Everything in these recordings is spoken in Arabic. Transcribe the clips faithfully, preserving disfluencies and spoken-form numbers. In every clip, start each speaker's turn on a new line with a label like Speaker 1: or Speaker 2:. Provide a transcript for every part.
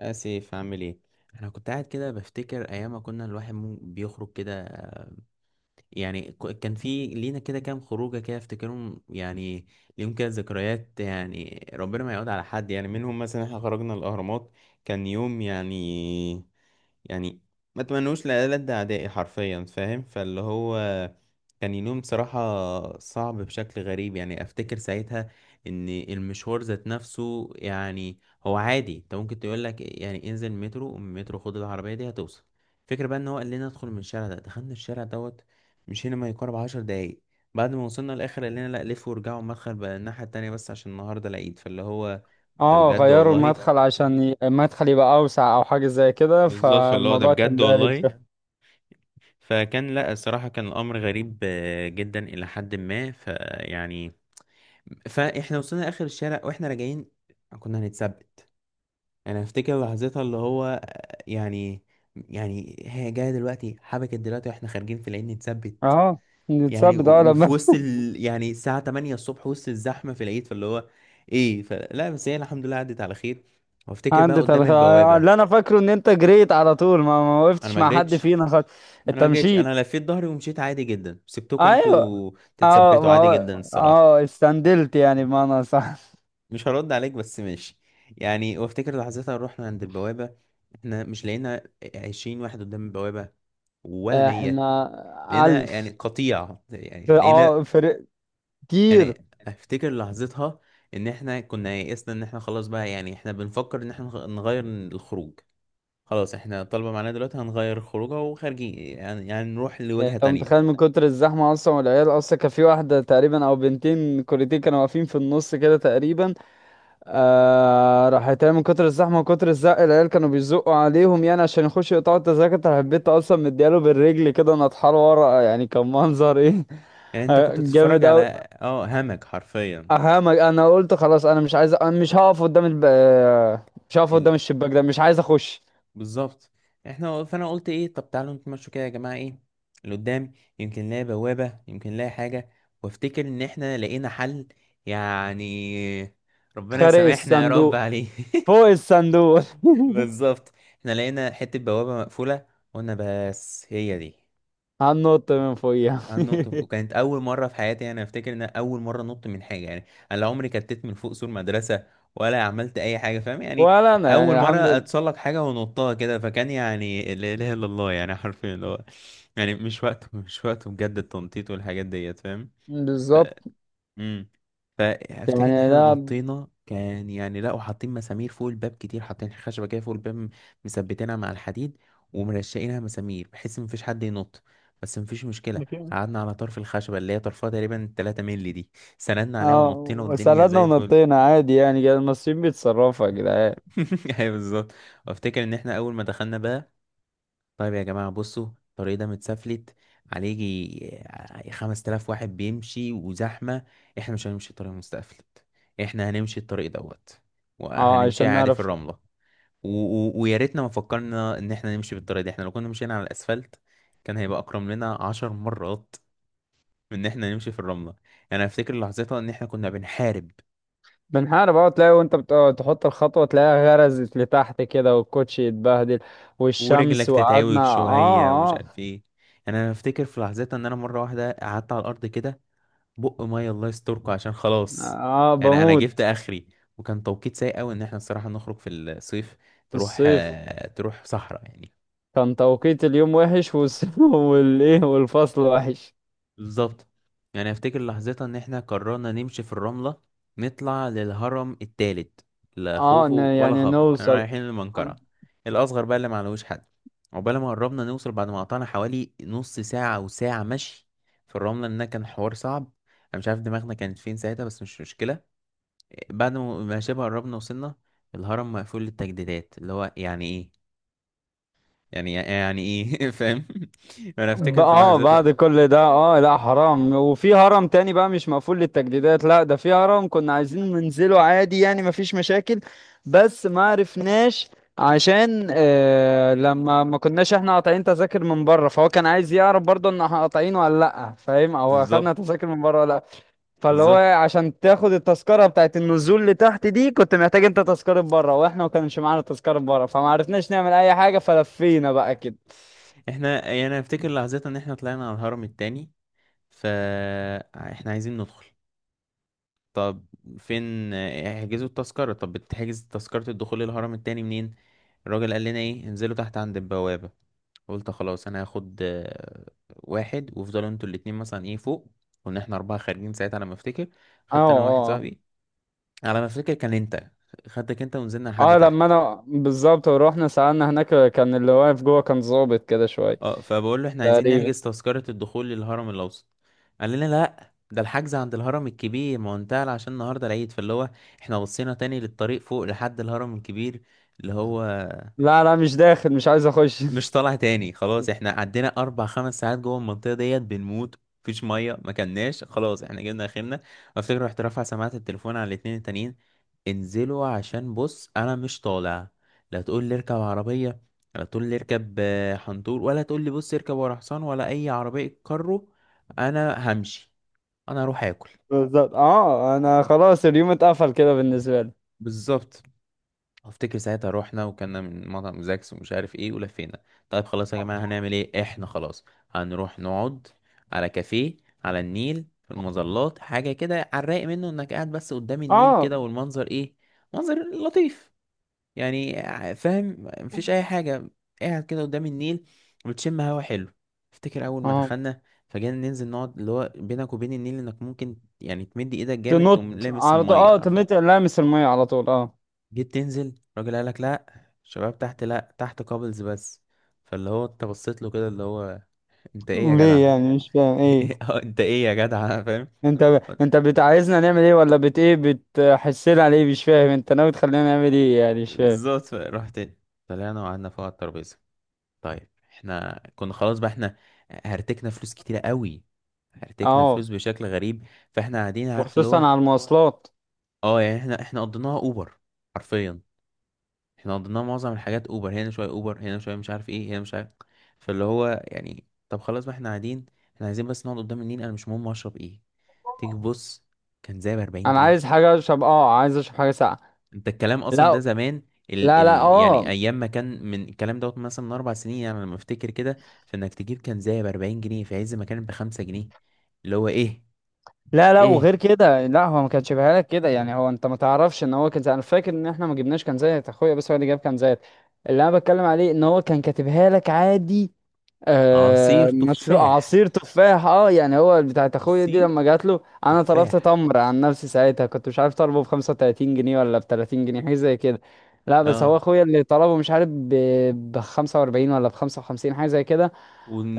Speaker 1: اسف، عامل ايه؟ انا كنت قاعد كده بفتكر ايام ما كنا الواحد مم- بيخرج كده. يعني ك- كان في لينا كده كام خروجه كده افتكرهم يعني. ليهم كده ذكريات، يعني ربنا ما يعود على حد يعني منهم. مثلا احنا خرجنا الاهرامات، كان يوم يعني يعني ما تمنوش لألد أعدائي حرفيا، فاهم؟ فاللي هو كان يوم بصراحة صعب بشكل غريب. يعني أفتكر ساعتها إن المشوار ذات نفسه يعني هو عادي، أنت ممكن تقولك يعني انزل مترو من مترو خد العربية دي هتوصل. فكرة بقى إن هو قال لنا ادخل من الشارع ده، دخلنا الشارع دوت، مشينا ما يقارب عشر دقايق. بعد ما وصلنا للاخر قال لنا لا لفوا ورجعوا المدخل بقى الناحيه التانية بس عشان النهارده العيد. فاللي هو ده
Speaker 2: اه
Speaker 1: بجد
Speaker 2: غيروا
Speaker 1: والله.
Speaker 2: المدخل عشان ي- المدخل يبقى اوسع او حاجه زي كده،
Speaker 1: بالظبط، فاللي هو ده
Speaker 2: فالموضوع كان
Speaker 1: بجد
Speaker 2: بارد
Speaker 1: والله.
Speaker 2: شوية.
Speaker 1: فكان لا، الصراحه كان الامر غريب آه، جدا الى حد ما، فيعني فاحنا وصلنا لاخر الشارع واحنا راجعين كنا هنتثبت. انا افتكر لحظتها اللي هو آه، يعني، يعني هي جايه دلوقتي، حبكت دلوقتي واحنا خارجين في العيد نتثبت.
Speaker 2: اه
Speaker 1: يعني و-
Speaker 2: نتثبت اه
Speaker 1: وفي
Speaker 2: لما.
Speaker 1: وسط ال... يعني الساعة ثمانية الصبح وسط الزحمة في العيد. فاللي هو ايه، فلا بس هي الحمد لله عدت على خير. وافتكر بقى
Speaker 2: عندي
Speaker 1: قدام
Speaker 2: تلخ... آه، اللي
Speaker 1: البوابة.
Speaker 2: انا فاكره ان انت جريت على طول، ما, ما
Speaker 1: انا
Speaker 2: وقفتش
Speaker 1: ما
Speaker 2: مع حد
Speaker 1: جريتش.
Speaker 2: فينا خالص.
Speaker 1: انا
Speaker 2: انت
Speaker 1: ما جريتش، انا
Speaker 2: مشيت.
Speaker 1: لفيت ظهري ومشيت عادي جدا، سبتكم
Speaker 2: ايوه.
Speaker 1: انتوا
Speaker 2: اه
Speaker 1: تتثبتوا
Speaker 2: ما
Speaker 1: عادي جدا
Speaker 2: هو
Speaker 1: الصراحة.
Speaker 2: اه استندلت يعني بمعنى صح.
Speaker 1: مش هرد عليك بس ماشي. يعني وافتكر لحظتها رحنا عند البوابة، احنا مش لقينا عشرين واحد قدام البوابة، ولا مية.
Speaker 2: احنا
Speaker 1: لقينا يعني
Speaker 2: الف.
Speaker 1: قطيع
Speaker 2: ف-
Speaker 1: يعني
Speaker 2: اه
Speaker 1: لقينا.
Speaker 2: فرق كتير.
Speaker 1: يعني افتكر لحظتها ان احنا كنا يئسنا، ان احنا خلاص بقى يعني احنا بنفكر ان احنا نغ- نغير الخروج. خلاص احنا طالبة معانا دلوقتي هنغير الخروجه وخارجين، يعني يعني نروح
Speaker 2: يعني
Speaker 1: لوجهة
Speaker 2: انت
Speaker 1: تانية.
Speaker 2: متخيل من كتر الزحمه اصلا، والعيال اصلا كان في واحده تقريبا او بنتين كوريتين كانوا واقفين في النص كده تقريبا. آه راح يتعمل من كتر الزحمه وكتر الزق، العيال كانوا بيزقوا عليهم يعني عشان يخشوا يقطعوا التذاكر، أنت حبيت اصلا مدياله بالرجل كده نطحال ورا، يعني كان منظر ايه.
Speaker 1: يعني انت
Speaker 2: آه،
Speaker 1: كنت بتتفرج
Speaker 2: جامد
Speaker 1: على
Speaker 2: قوي.
Speaker 1: اه همك حرفيا.
Speaker 2: اهامك انا قلت خلاص انا مش عايز، أنا مش هقف قدام الب... آه، مش هقف
Speaker 1: ال...
Speaker 2: قدام الشباك ده، مش عايز اخش.
Speaker 1: بالظبط. احنا فانا قلت ايه، طب تعالوا نتمشوا كده يا جماعة، ايه لقدام، يمكن نلاقي بوابة يمكن نلاقي حاجة. وافتكر ان احنا لقينا حل يعني، ربنا
Speaker 2: خارق
Speaker 1: يسامحنا يا رب
Speaker 2: الصندوق.
Speaker 1: عليه
Speaker 2: فوق الصندوق.
Speaker 1: بالظبط. احنا لقينا حتة بوابة مقفولة، قلنا بس هي دي.
Speaker 2: هننط من فوقيها.
Speaker 1: هننط ف- وكانت أول مرة في حياتي. أنا أفتكر إن أنا أول مرة أنط من حاجة يعني. أنا لا عمري كتت من فوق سور مدرسة ولا عملت أي حاجة، فاهم يعني؟
Speaker 2: ولا انا
Speaker 1: أول
Speaker 2: يعني الحمد
Speaker 1: مرة
Speaker 2: لله.
Speaker 1: أتسلق حاجة ونطها كده، فكان يعني لا إله إلا الله يعني حرفيا اللي هو يعني مش وقته، مش وقته بجد التنطيط والحاجات ديت، فاهم؟
Speaker 2: بالظبط
Speaker 1: امم فافتكر ان
Speaker 2: يعني
Speaker 1: احنا
Speaker 2: ده.
Speaker 1: نطينا. كان يعني لا وحاطين مسامير فوق الباب كتير، حاطين خشبه كده فوق الباب، م- مثبتينها مع الحديد، ومرشقينها مسامير بحيث مفيش حد ينط. بس مفيش مشكله، قعدنا على طرف الخشبه اللي هي طرفها تقريبا تلاتة مللي دي، سندنا عليها
Speaker 2: اه
Speaker 1: ونطينا والدنيا
Speaker 2: وسردنا
Speaker 1: زي الفل.
Speaker 2: ونطينا عادي يعني، جا- المصريين بيتصرفوا يا جدعان.
Speaker 1: ايوه بالظبط. وافتكر ان احنا اول ما دخلنا بقى، طيب يا جماعة بصوا الطريق ده متسفلت، عليه يجي خمس تلاف واحد بيمشي وزحمة. احنا مش هنمشي الطريق المتسفلت، احنا هنمشي الطريق دوت،
Speaker 2: اه
Speaker 1: وهنمشيها
Speaker 2: عشان
Speaker 1: عادي في
Speaker 2: نعرف.
Speaker 1: الرملة. و... و... ويا ريتنا ما فكرنا ان احنا نمشي بالطريق ده. احنا لو كنا مشينا على الاسفلت كان هيبقى اكرم لنا عشر مرات من ان احنا نمشي في الرملة. يعني انا افتكر لحظتها ان احنا كنا بنحارب،
Speaker 2: بنحارب اه، تلاقي وانت بت- اه، تحط الخطوة تلاقيها غرزت لتحت كده والكوتشي يتبهدل والشمس
Speaker 1: ورجلك
Speaker 2: وقعدنا
Speaker 1: تتعوج شوية ومش
Speaker 2: اه.
Speaker 1: عارف ايه. يعني انا افتكر في لحظتها ان انا مرة واحدة قعدت على الارض كده، بق ميه الله يستركم عشان
Speaker 2: اه
Speaker 1: خلاص.
Speaker 2: اه
Speaker 1: يعني انا
Speaker 2: بموت.
Speaker 1: جبت اخري. وكان توقيت سيء قوي ان احنا الصراحه نخرج في الصيف،
Speaker 2: في
Speaker 1: تروح
Speaker 2: الصيف.
Speaker 1: آه، تروح صحراء يعني.
Speaker 2: كان توقيت اليوم وحش، والس- والايه والفصل وحش.
Speaker 1: بالظبط. يعني افتكر لحظتها ان احنا قررنا نمشي في الرمله، نطلع للهرم التالت، لا
Speaker 2: اه ن-
Speaker 1: خوفو ولا
Speaker 2: يعني
Speaker 1: خفر انا
Speaker 2: نوصل.
Speaker 1: رايحين المنقرة الاصغر بقى اللي معلوش حد. عقبال ما قربنا نوصل بعد ما قطعنا حوالي نص ساعه او ساعه مشي في الرمله لأن كان حوار صعب. انا مش عارف دماغنا كانت فين ساعتها، بس مش مشكله. بعد ما ما شبه قربنا وصلنا، الهرم مقفول للتجديدات، اللي هو يعني ايه، يعني يعني ايه فاهم؟ انا
Speaker 2: ب-
Speaker 1: افتكر في
Speaker 2: اه
Speaker 1: لحظتها.
Speaker 2: بعد كل ده اه، لا حرام، وفي هرم تاني بقى مش مقفول للتجديدات، لا ده في هرم كنا عايزين ننزله عادي يعني مفيش مشاكل. بس ما عرفناش عشان آه لما ما كناش احنا قاطعين تذاكر من بره، فهو كان عايز يعرف برضه ان احنا قاطعينه ولا لا فاهم، او اخدنا
Speaker 1: بالظبط.
Speaker 2: تذاكر من بره ولا لا. فاللي هو
Speaker 1: بالظبط.
Speaker 2: عشان تاخد التذكره بتاعت النزول لتحت دي، كنت محتاج انت تذكره بره، واحنا ما كانش معانا تذكره بره، فما عرفناش نعمل اي حاجه، فلفينا بقى كده.
Speaker 1: احنا يعني انا افتكر لحظتها ان احنا طلعنا على الهرم التاني، فاحنا عايزين ندخل. طب فين احجزوا التذكرة؟ طب بتحجز تذكرة الدخول للهرم التاني منين؟ الراجل قال لنا ايه انزلوا تحت عند البوابة. قلت خلاص انا هاخد آه، واحد وافضلوا انتوا الاتنين مثلا ايه فوق. كنا احنا اربعة خارجين ساعتها على ما افتكر.
Speaker 2: اه
Speaker 1: خدت انا واحد
Speaker 2: اه آه.
Speaker 1: صاحبي، على ما افتكر كان انت، خدتك انت ونزلنا لحد
Speaker 2: اه لما
Speaker 1: تحت.
Speaker 2: انا بالظبط، ورحنا سألنا هناك كان اللي واقف جوه كان ظابط كده شوية
Speaker 1: اه، فبقول له احنا عايزين
Speaker 2: تقريبا.
Speaker 1: نحجز تذكرة الدخول للهرم الأوسط. قال لنا لا ده الحجز عند الهرم الكبير، ما هو انتهى عشان النهارده العيد. فاللي هو احنا بصينا تاني للطريق فوق لحد الهرم الكبير اللي هو
Speaker 2: لا لا مش داخل، مش عايز اخش.
Speaker 1: مش طالع تاني. خلاص احنا عدينا اربع خمس ساعات جوه المنطقه ديت بنموت، مفيش ميه ما كلناش، خلاص احنا جبنا اخرنا. افتكر رحت رافع سماعه التليفون على الاتنين التانيين، انزلوا عشان بص انا مش طالع. لا تقول لي اركب عربيه، لا تقول لي اركب آه، حنطور، ولا تقول لي بص اركب ورا حصان ولا اي عربيه كارو. انا همشي، انا اروح اكل.
Speaker 2: بالظبط، اه انا خلاص اليوم اتقفل كده بالنسبة لي.
Speaker 1: بالظبط. افتكر ساعتها روحنا وكنا من مطعم زاكس ومش عارف ايه ولفينا. طيب خلاص يا جماعة هنعمل ايه؟ احنا خلاص هنروح نقعد على كافيه على النيل في المظلات حاجة كده على الرايق، منه انك قاعد بس قدام النيل
Speaker 2: اه
Speaker 1: كده والمنظر ايه، منظر لطيف يعني، ع- فاهم؟ مفيش اي حاجة، قاعد كده قدام النيل بتشم هوا حلو. افتكر اول ما
Speaker 2: اه
Speaker 1: دخلنا، فجينا ننزل نقعد اللي هو بينك وبين النيل انك ممكن يعني تمد ايدك جامد تقوم
Speaker 2: تنط
Speaker 1: لامس
Speaker 2: على طول
Speaker 1: المية
Speaker 2: اه،
Speaker 1: حرفيا.
Speaker 2: تمت لامس المية على طول اه.
Speaker 1: جيت تنزل الراجل قالك لا، الشباب تحت لا، تحت كابلز بس. فاللي هو انت بصيت له كده اللي هو انت ايه يا جدع؟
Speaker 2: ليه يعني مش فاهم ايه،
Speaker 1: اه انت ايه يا جدع؟ فاهم؟
Speaker 2: انت ب... انت بت- عايزنا نعمل ايه، ولا بت ايه، بتحسنا على ايه؟ مش فاهم انت ناوي تخلينا نعمل ايه يعني، مش فاهم.
Speaker 1: بالظبط. رحت طلعنا وقعدنا فوق على الترابيزه. طيب احنا كنا خلاص بقى، احنا هرتكنا فلوس كتيره قوي، هرتكنا
Speaker 2: اه
Speaker 1: فلوس بشكل غريب. فاحنا قاعدين عارف اللي
Speaker 2: وخصوصا
Speaker 1: هو،
Speaker 2: على المواصلات.
Speaker 1: اه يعني احنا احنا قضيناها اوبر حرفيا. احنا قضينا معظم الحاجات اوبر هنا شويه، اوبر هنا شويه، مش عارف ايه هنا مش عارف. فاللي هو يعني طب خلاص بقى احنا قاعدين، احنا عايزين بس نقعد قدام النيل، انا مش مهم اشرب ايه. تيجي تبص كان زي ب 40
Speaker 2: انا
Speaker 1: جنيه
Speaker 2: عايز حاجة اشرب، اه عايز اشرب حاجة ساقعة.
Speaker 1: انت الكلام اصلا
Speaker 2: لا
Speaker 1: ده زمان، ال
Speaker 2: لا لا
Speaker 1: ال يعني
Speaker 2: اه.
Speaker 1: ايام ما كان من الكلام دوت مثلا من اربع سنين يعني، لما افتكر كده فانك تجيب كان زي ب اربعين جنيه في عز ما كان ب خمسة جنيه. اللي هو ايه،
Speaker 2: لا لا
Speaker 1: ايه
Speaker 2: وغير كده، لا هو ما كانش بيها لك كده يعني، هو انت ما تعرفش ان هو كان زي- انا فاكر ان احنا ما جبناش كان زيت اخويا، بس هو اللي جاب كان زيت. اللي انا بتكلم عليه ان هو كان كاتبها لك عادي.
Speaker 1: عصير
Speaker 2: آه مشروع
Speaker 1: تفاح،
Speaker 2: عصير تفاح اه، يعني هو بتاعت اخويا دي
Speaker 1: عصير
Speaker 2: لما جات له. انا طلبت
Speaker 1: تفاح
Speaker 2: تمر عن نفسي ساعتها، كنت مش عارف طلبه ب خمسة وتلاتين جنيه ولا ب تلاتين جنيه، حاجه زي كده. لا بس
Speaker 1: اه
Speaker 2: هو اخويا اللي طلبه، مش عارف ب خمسة واربعين ولا ب خمسة وخمسين، حاجه زي كده.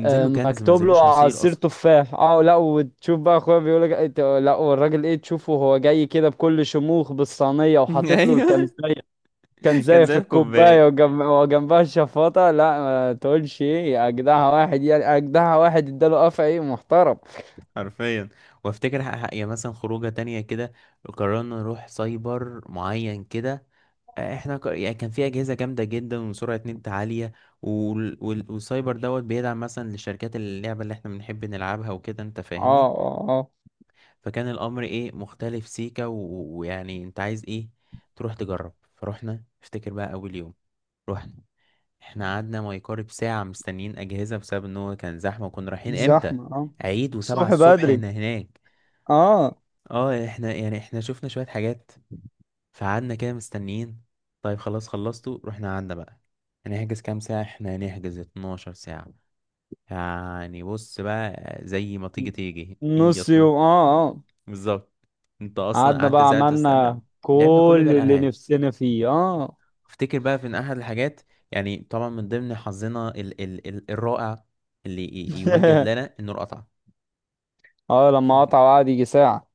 Speaker 2: آه،
Speaker 1: كنز
Speaker 2: مكتوب له
Speaker 1: منزلوش عصير
Speaker 2: عصير
Speaker 1: اصلا.
Speaker 2: تفاح اه. لا وتشوف بقى اخويا بيقول لك إيه، ت- لا والراجل ايه تشوفه وهو جاي كده بكل شموخ بالصينيه وحاطط له
Speaker 1: ايوه،
Speaker 2: الكنزايه،
Speaker 1: كان
Speaker 2: الكنزايه في
Speaker 1: زي
Speaker 2: الكوبايه،
Speaker 1: الكوباية
Speaker 2: وجنب وجنبها الشفاطه، لا ما تقولش ايه يا اجدعها واحد، يعني اجدعها واحد اداله قفا ايه محترم.
Speaker 1: حرفيا. وافتكر ح- ح- يعني مثلا خروجة تانية كده، قررنا نروح سايبر معين كده. آه، احنا ك... يعني كان في اجهزه جامده جدا وسرعه نت عاليه، وال... وال... والسايبر دوت بيدعم مثلا لشركات اللعبه اللي احنا بنحب نلعبها وكده انت
Speaker 2: اه
Speaker 1: فاهمني.
Speaker 2: اه اه.
Speaker 1: فكان الامر ايه، مختلف سيكا، و- ويعني انت عايز ايه تروح تجرب. فروحنا افتكر بقى اول يوم رحنا، احنا قعدنا ما يقارب ساعة مستنيين أجهزة بسبب إن هو كان زحمة وكنا رايحين إمتى؟
Speaker 2: زحمه اه.
Speaker 1: عيد وسبعة
Speaker 2: الصبح
Speaker 1: الصبح
Speaker 2: بدري.
Speaker 1: هنا هناك.
Speaker 2: اه.
Speaker 1: اه احنا يعني احنا شفنا شوية حاجات فقعدنا كده مستنيين. طيب خلاص خلصتوا، رحنا قعدنا بقى. هنحجز كام ساعة؟ احنا هنحجز اتناشر ساعة يعني، بص بقى زي ما تيجي تيجي هي
Speaker 2: نص
Speaker 1: اثنا عشر.
Speaker 2: يوم اه اه.
Speaker 1: بالظبط، انت اصلا
Speaker 2: قعدنا
Speaker 1: قعدت
Speaker 2: بقى
Speaker 1: ساعة تستنى.
Speaker 2: عملنا
Speaker 1: لعبنا كل بقى
Speaker 2: كل اللي
Speaker 1: الألعاب.
Speaker 2: نفسنا فيه اه.
Speaker 1: افتكر بقى في إن احد الحاجات، يعني طبعا من ضمن حظنا ال ال ال الرائع اللي ي- يمجد لنا انه اتقطع.
Speaker 2: اه لما قطع وقعد يجي ساعة.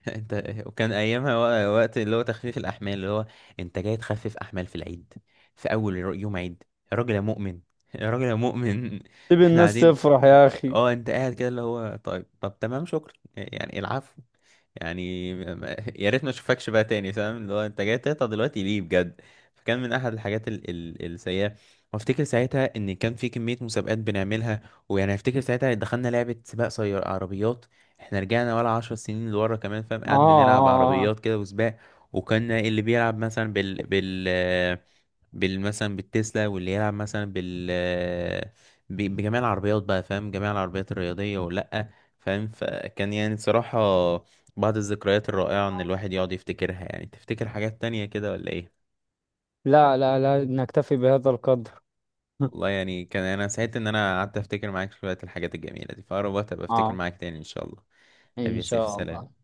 Speaker 1: انت وكان ايامها وق- وقت اللي هو تخفيف الاحمال. اللي هو انت جاي تخفف احمال في العيد؟ في اول يرو- يوم عيد؟ يا راجل يا مؤمن يا راجل يا مؤمن
Speaker 2: سيب
Speaker 1: احنا
Speaker 2: الناس
Speaker 1: قاعدين
Speaker 2: تفرح يا أخي.
Speaker 1: اه انت قاعد كده اللي هو طيب، طب تمام شكرا يعني العفو. يعني ما- يا ريت ما اشوفكش بقى تاني، فاهم اللي هو انت جاي تقطع دلوقتي ليه بجد. فكان من احد الحاجات ال ال السيئه. وافتكر ساعتها ان كان في كميه مسابقات بنعملها. ويعني افتكر ساعتها دخلنا لعبه سباق سيار عربيات، احنا رجعنا ولا عشر سنين لورا كمان، فاهم؟
Speaker 2: آه,
Speaker 1: قاعد بنلعب
Speaker 2: آه, آه.
Speaker 1: عربيات كده وسباق. وكنا اللي بيلعب مثلا بال بال بال مثلا بالتسلا، واللي يلعب مثلا بال ب- بجميع العربيات بقى، فاهم؟ جميع العربيات الرياضية ولا، فاهم؟ فكان يعني صراحة بعض الذكريات الرائعة ان الواحد يقعد يفتكرها. يعني تفتكر حاجات تانية كده ولا ايه؟
Speaker 2: لا لا لا نكتفي بهذا القدر.
Speaker 1: والله يعني كان انا سعيد ان انا قعدت افتكر معاك شوية الحاجات الجميلة دي، فأقرب وقت ابقى افتكر
Speaker 2: آه،
Speaker 1: معاك تاني ان شاء الله. حبيبي
Speaker 2: إن
Speaker 1: يا سيف،
Speaker 2: شاء الله.
Speaker 1: سلام.